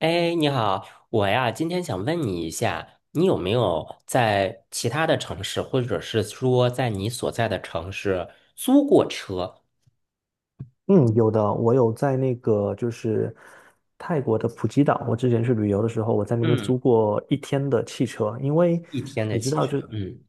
哎，你好，我呀，今天想问你一下，你有没有在其他的城市，或者是说在你所在的城市租过车？嗯，有的，我有在那个就是泰国的普吉岛，我之前去旅游的时候，我在那边嗯，租过一天的汽车，因为一天你的知汽道就，车。嗯，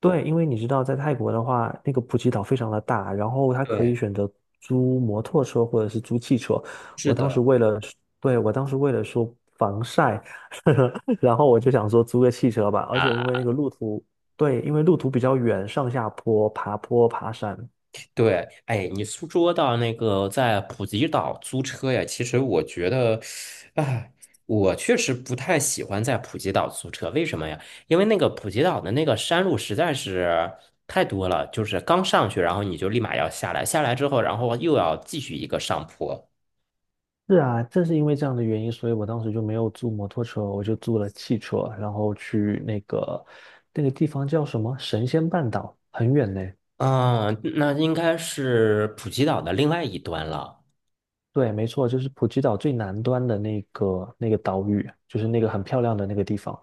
对，因为你知道在泰国的话，那个普吉岛非常的大，然后它可以对，选择租摩托车或者是租汽车。是我当时的。为了，对，我当时为了说防晒，然后我就想说租个汽车吧，而且因为啊。那个路途，对，因为路途比较远，上下坡、爬坡、爬山。对，哎，你说说到那个在普吉岛租车呀，其实我觉得，哎，我确实不太喜欢在普吉岛租车，为什么呀？因为那个普吉岛的那个山路实在是太多了，就是刚上去，然后你就立马要下来，下来之后，然后又要继续一个上坡，是啊，正是因为这样的原因，所以我当时就没有租摩托车，我就租了汽车，然后去那个地方叫什么神仙半岛，很远呢。嗯，那应该是普吉岛的另外一端了。对，没错，就是普吉岛最南端的那个岛屿，就是那个很漂亮的那个地方。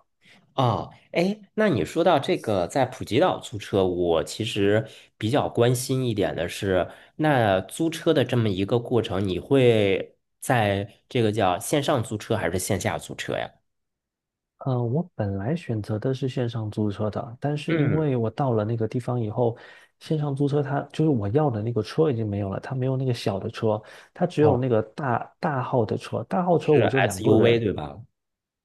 哦，哎，那你说到这个在普吉岛租车，我其实比较关心一点的是，那租车的这么一个过程，你会在这个叫线上租车还是线下租车呀？嗯，我本来选择的是线上租车的，但是因嗯，为我到了那个地方以后，线上租车它就是我要的那个车已经没有了，它没有那个小的车，它只有哦，那个大大号的车，大号车是 我就两个 SUV 人。对吧？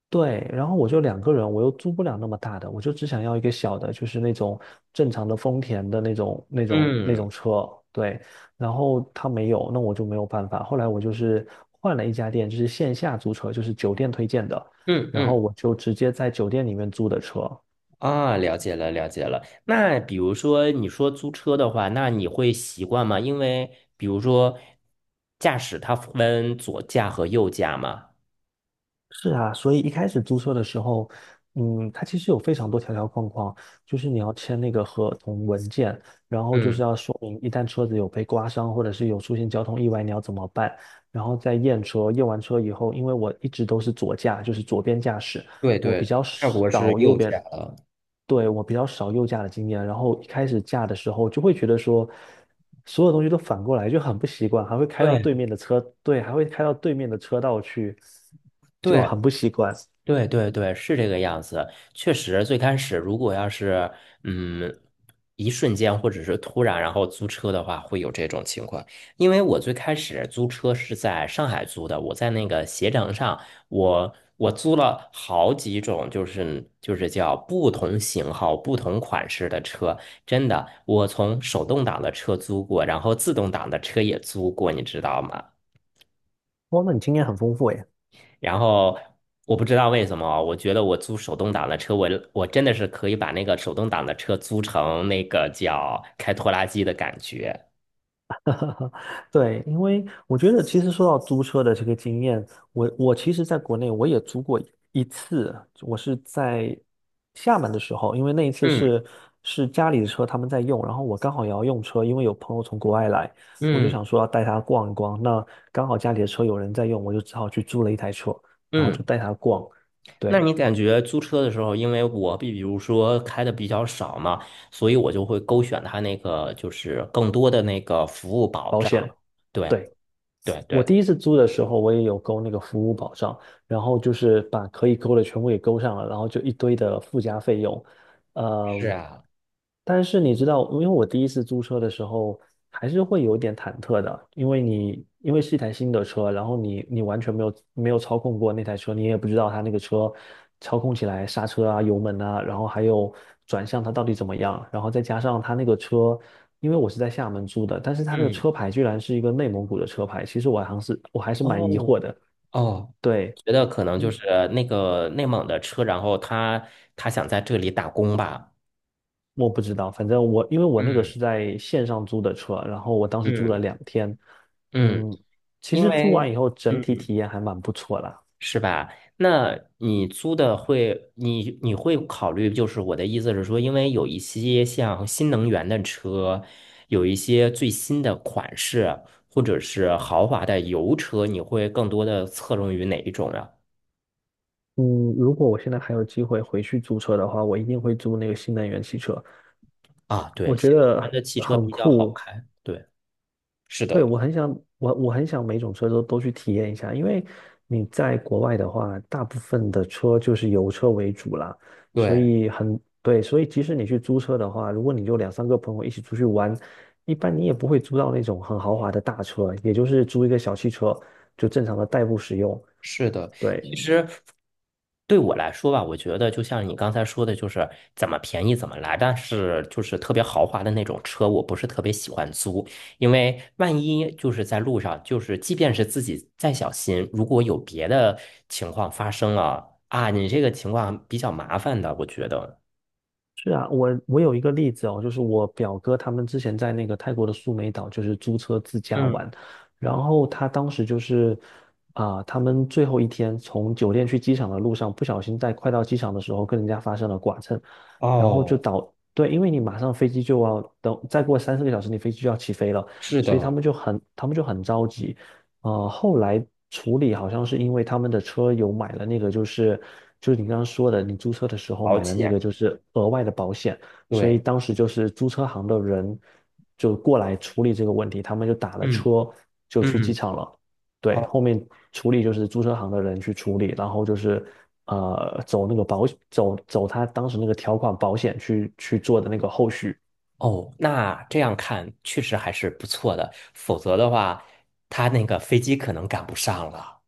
对，然后我就两个人，我又租不了那么大的，我就只想要一个小的，就是那种正常的丰田的那种、那种、那嗯种车。对，然后他没有，那我就没有办法。后来我就是换了一家店，就是线下租车，就是酒店推荐的，嗯然后嗯，我就直接在酒店里面租的车。啊，了解了了解了。那比如说你说租车的话，那你会习惯吗？因为比如说驾驶它分左驾和右驾嘛。是啊，所以一开始租车的时候，它其实有非常多条条框框，就是你要签那个合同文件，然后就是要说明一旦车子有被刮伤，或者是有出现交通意外，你要怎么办，然后再验车，验完车以后，因为我一直都是左驾，就是左边驾驶，对我比对，较泰国是少右右边，驾了。对，我比较少右驾的经验，然后一开始驾的时候就会觉得说，所有东西都反过来就很不习惯，还会开到对对面的车，对，还会开到对面的车道去，就对很不习惯。对对对，是这个样子。确实，最开始如果要是嗯，一瞬间或者是突然，然后租车的话，会有这种情况。因为我最开始租车是在上海租的，我在那个携程上，我租了好几种，就是叫不同型号、不同款式的车。真的，我从手动挡的车租过，然后自动挡的车也租过，你知道吗？哇，那你经验很丰富诶。然后我不知道为什么，我觉得我租手动挡的车，我真的是可以把那个手动挡的车租成那个叫开拖拉机的感觉。对，因为我觉得其实说到租车的这个经验，我其实在国内我也租过一次，我是在厦门的时候，因为那一次嗯是家里的车他们在用，然后我刚好也要用车，因为有朋友从国外来，我就嗯想说要带他逛一逛，那刚好家里的车有人在用，我就只好去租了一台车，然后嗯，就带他逛，那对，你感觉租车的时候，因为我比如说开的比较少嘛，所以我就会勾选它那个就是更多的那个服务保保险。障。对对。对我对，第一次租的时候，我也有勾那个服务保障，然后就是把可以勾的全部给勾上了，然后就一堆的附加费用，是呃，啊，但是你知道，因为我第一次租车的时候，还是会有点忐忑的，因为你因为是一台新的车，然后你完全没有操控过那台车，你也不知道它那个车操控起来刹车啊、油门啊，然后还有转向它到底怎么样，然后再加上它那个车，因为我是在厦门租的，但是它那个嗯，车牌居然是一个内蒙古的车牌，其实我还是蛮疑惑哦的，哦。对。觉得可能就嗯。是那个内蒙的车，然后他想在这里打工吧。我不知道，反正我因为我那个是嗯在线上租的车，然后我当时租了嗯2天，嗯，嗯，其因实租为完以后整体嗯体验还蛮不错的，是吧？那你租的会，你你会考虑，就是我的意思是说，因为有一些像新能源的车，有一些最新的款式，或者是豪华的油车，你会更多的侧重于哪一种呀？嗯，如果我现在还有机会回去租车的话，我一定会租那个新能源汽车，啊，对，我觉新能源得的汽车很比较好酷，开。对，是对，的，我很想，我很想每种车都去体验一下，因为你在国外的话，大部分的车就是油车为主啦，所对，以很，对，所以即使你去租车的话，如果你就两三个朋友一起出去玩，一般你也不会租到那种很豪华的大车，也就是租一个小汽车，就正常的代步使用。是的。对，其实对我来说吧，我觉得就像你刚才说的，就是怎么便宜怎么来，但是就是特别豪华的那种车，我不是特别喜欢租，因为万一就是在路上，就是即便是自己再小心，如果有别的情况发生了啊，你这个情况比较麻烦的，我觉得。是啊，我有一个例子哦，就是我表哥他们之前在那个泰国的苏梅岛，就是租车自驾玩，嗯，然后他当时就是他们最后一天从酒店去机场的路上，不小心在快到机场的时候跟人家发生了剐蹭，然后哦，对，因为你马上飞机就要等，再过3、4个小时你飞机就要起飞了，是所以他的，们就很他们就很着急，后来处理好像是因为他们的车有买了那个，就是你刚刚说的，你租车的时候保买了那个，险，就是额外的保险，所以对，当时就是租车行的人就过来处理这个问题，他们就打了嗯车就去机嗯。场了。对，哦后面处理就是租车行的人去处理，然后就是走他当时那个条款保险去做的那个后续。哦，那这样看确实还是不错的，否则的话，他那个飞机可能赶不上了。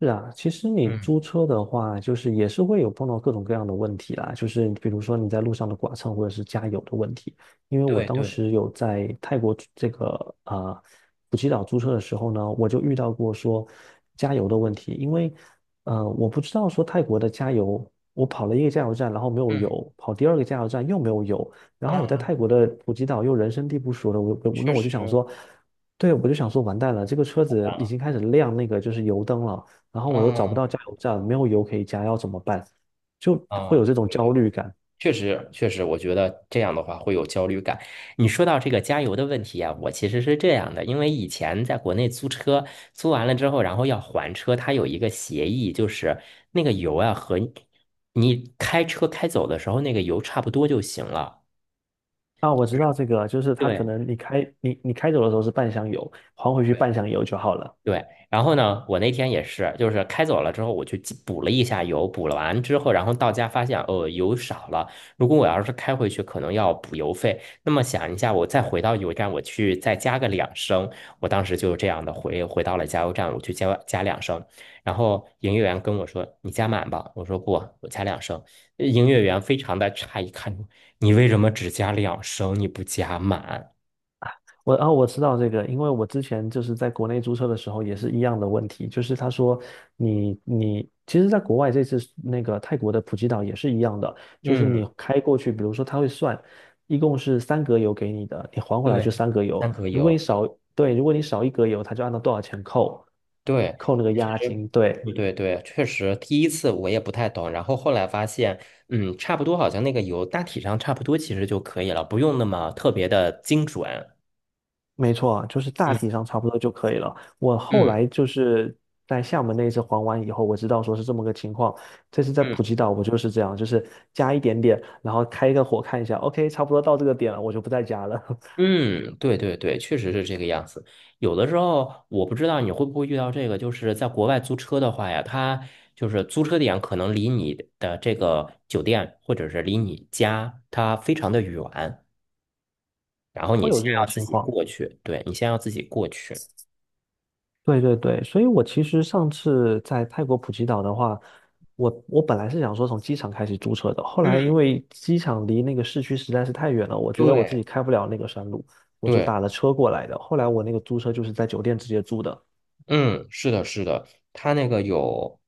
是啊，其实你嗯，租车的话，就是也是会有碰到各种各样的问题啦，就是比如说你在路上的剐蹭或者是加油的问题。因为我对当对，时有在泰国租这个普吉岛租车的时候呢，我就遇到过说加油的问题，因为我不知道说泰国的加油，我跑了一个加油站，然后没有嗯油，跑第二个加油站又没有油，然后我在啊，泰国的普吉岛又人生地不熟的，我我那确我就想实说，对，我就想说完蛋了，这个车子已啊，经开始亮那个就是油灯了。然后我都找不嗯到加油站，没有油可以加，要怎么办？就会啊，有这种对焦对，虑感。确实确实，我觉得这样的话会有焦虑感。你说到这个加油的问题啊，我其实是这样的，因为以前在国内租车，租完了之后，然后要还车，它有一个协议，就是那个油啊和你开车开走的时候那个油差不多就行了。啊，我知道这个，就是它可对。能你开走的时候是半箱油，还回去半箱油就好了。对，然后呢，我那天也是，就是开走了之后，我去记补了一下油，补了完之后，然后到家发现，哦，油少了。如果我要是开回去，可能要补油费。那么想一下，我再回到油站，我去再加个两升。我当时就这样的回到了加油站，我去加两升。然后营业员跟我说：“你加满吧。”我说：“不，我加两升。呃”营业员非常的诧异，看着我你为什么只加两升，你不加满？我知道这个，因为我之前就是在国内租车的时候也是一样的问题，就是他说你其实，在国外这次那个泰国的普吉岛也是一样的，就是你嗯，开过去，比如说他会算，一共是三格油给你的，你还回来就对，三格油，三格如果你油。少，对，如果你少1格油，他就按照多少钱扣，对，扣那个其押实金，对。对对对确实第一次我也不太懂，然后后来发现，嗯，差不多，好像那个油大体上差不多，其实就可以了，不用那么特别的精准。没错，就是大嗯体上差不多就可以了。我后嗯来就是在厦门那一次还完以后，我知道说是这么个情况。这次在嗯普吉岛，我就是这样，就是加一点点，然后开一个火看一下，OK，差不多到这个点了，我就不再加了，嗯，对对对，确实是这个样子。有的时候我不知道你会不会遇到这个，就是在国外租车的话呀，它就是租车点可能离你的这个酒店或者是离你家它非常的远，然后你会有先这种要自情己况。过去，对，你先要自己过去。对对对，所以我其实上次在泰国普吉岛的话，我本来是想说从机场开始租车的，后来因嗯。为机场离那个市区实在是太远了，我觉得我自对己开不了那个山路，我就打对，了车过来的。后来我那个租车就是在酒店直接租的。嗯，是的，是的，它那个有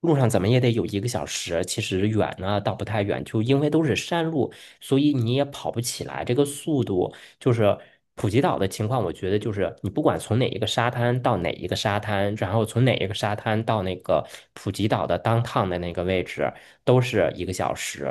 路上怎么也得有一个小时，其实远呢倒不太远，就因为都是山路，所以你也跑不起来，这个速度就是普吉岛的情况，我觉得就是你不管从哪一个沙滩到哪一个沙滩，然后从哪一个沙滩到那个普吉岛的 downtown 的那个位置，都是一个小时，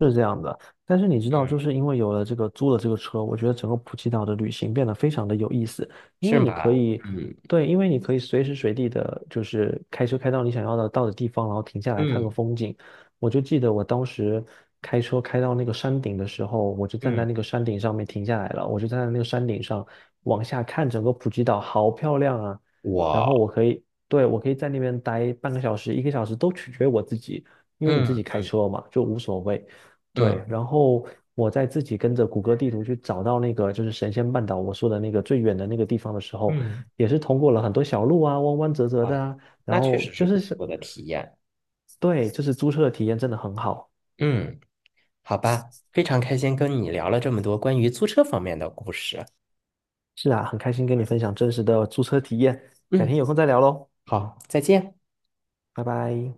是这样的，但是你知道，嗯，就是因为有了这个租了这个车，我觉得整个普吉岛的旅行变得非常的有意思，因是为你可吧？以，嗯对，因为你可以随时随地的，就是开车开到你想要的到的地方，然后停下来看个嗯风景。我就记得我当时开车开到那个山顶的时候，我就站嗯，在那个山顶上面停下来了，我就站在那个山顶上往下看整个普吉岛，好漂亮啊！然后我我可以，对，我可以在那边待半个小时、一个小时都取决于我自己，因为你自己开嗯车嘛，就无所谓。对，嗯然后我在自己跟着谷歌地图去找到那个就是神仙半岛我说的那个最远的那个地方的时候，嗯。也是通过了很多小路啊，弯弯折折啊，的啊，然那确后实是就不是是，错的体验。对，就是租车的体验真的很好。嗯，好吧，非常开心跟你聊了这么多关于租车方面的故事。是啊，很开心跟你对，分享真实的租车体验，改天嗯，有空再聊喽，好，再见。拜拜。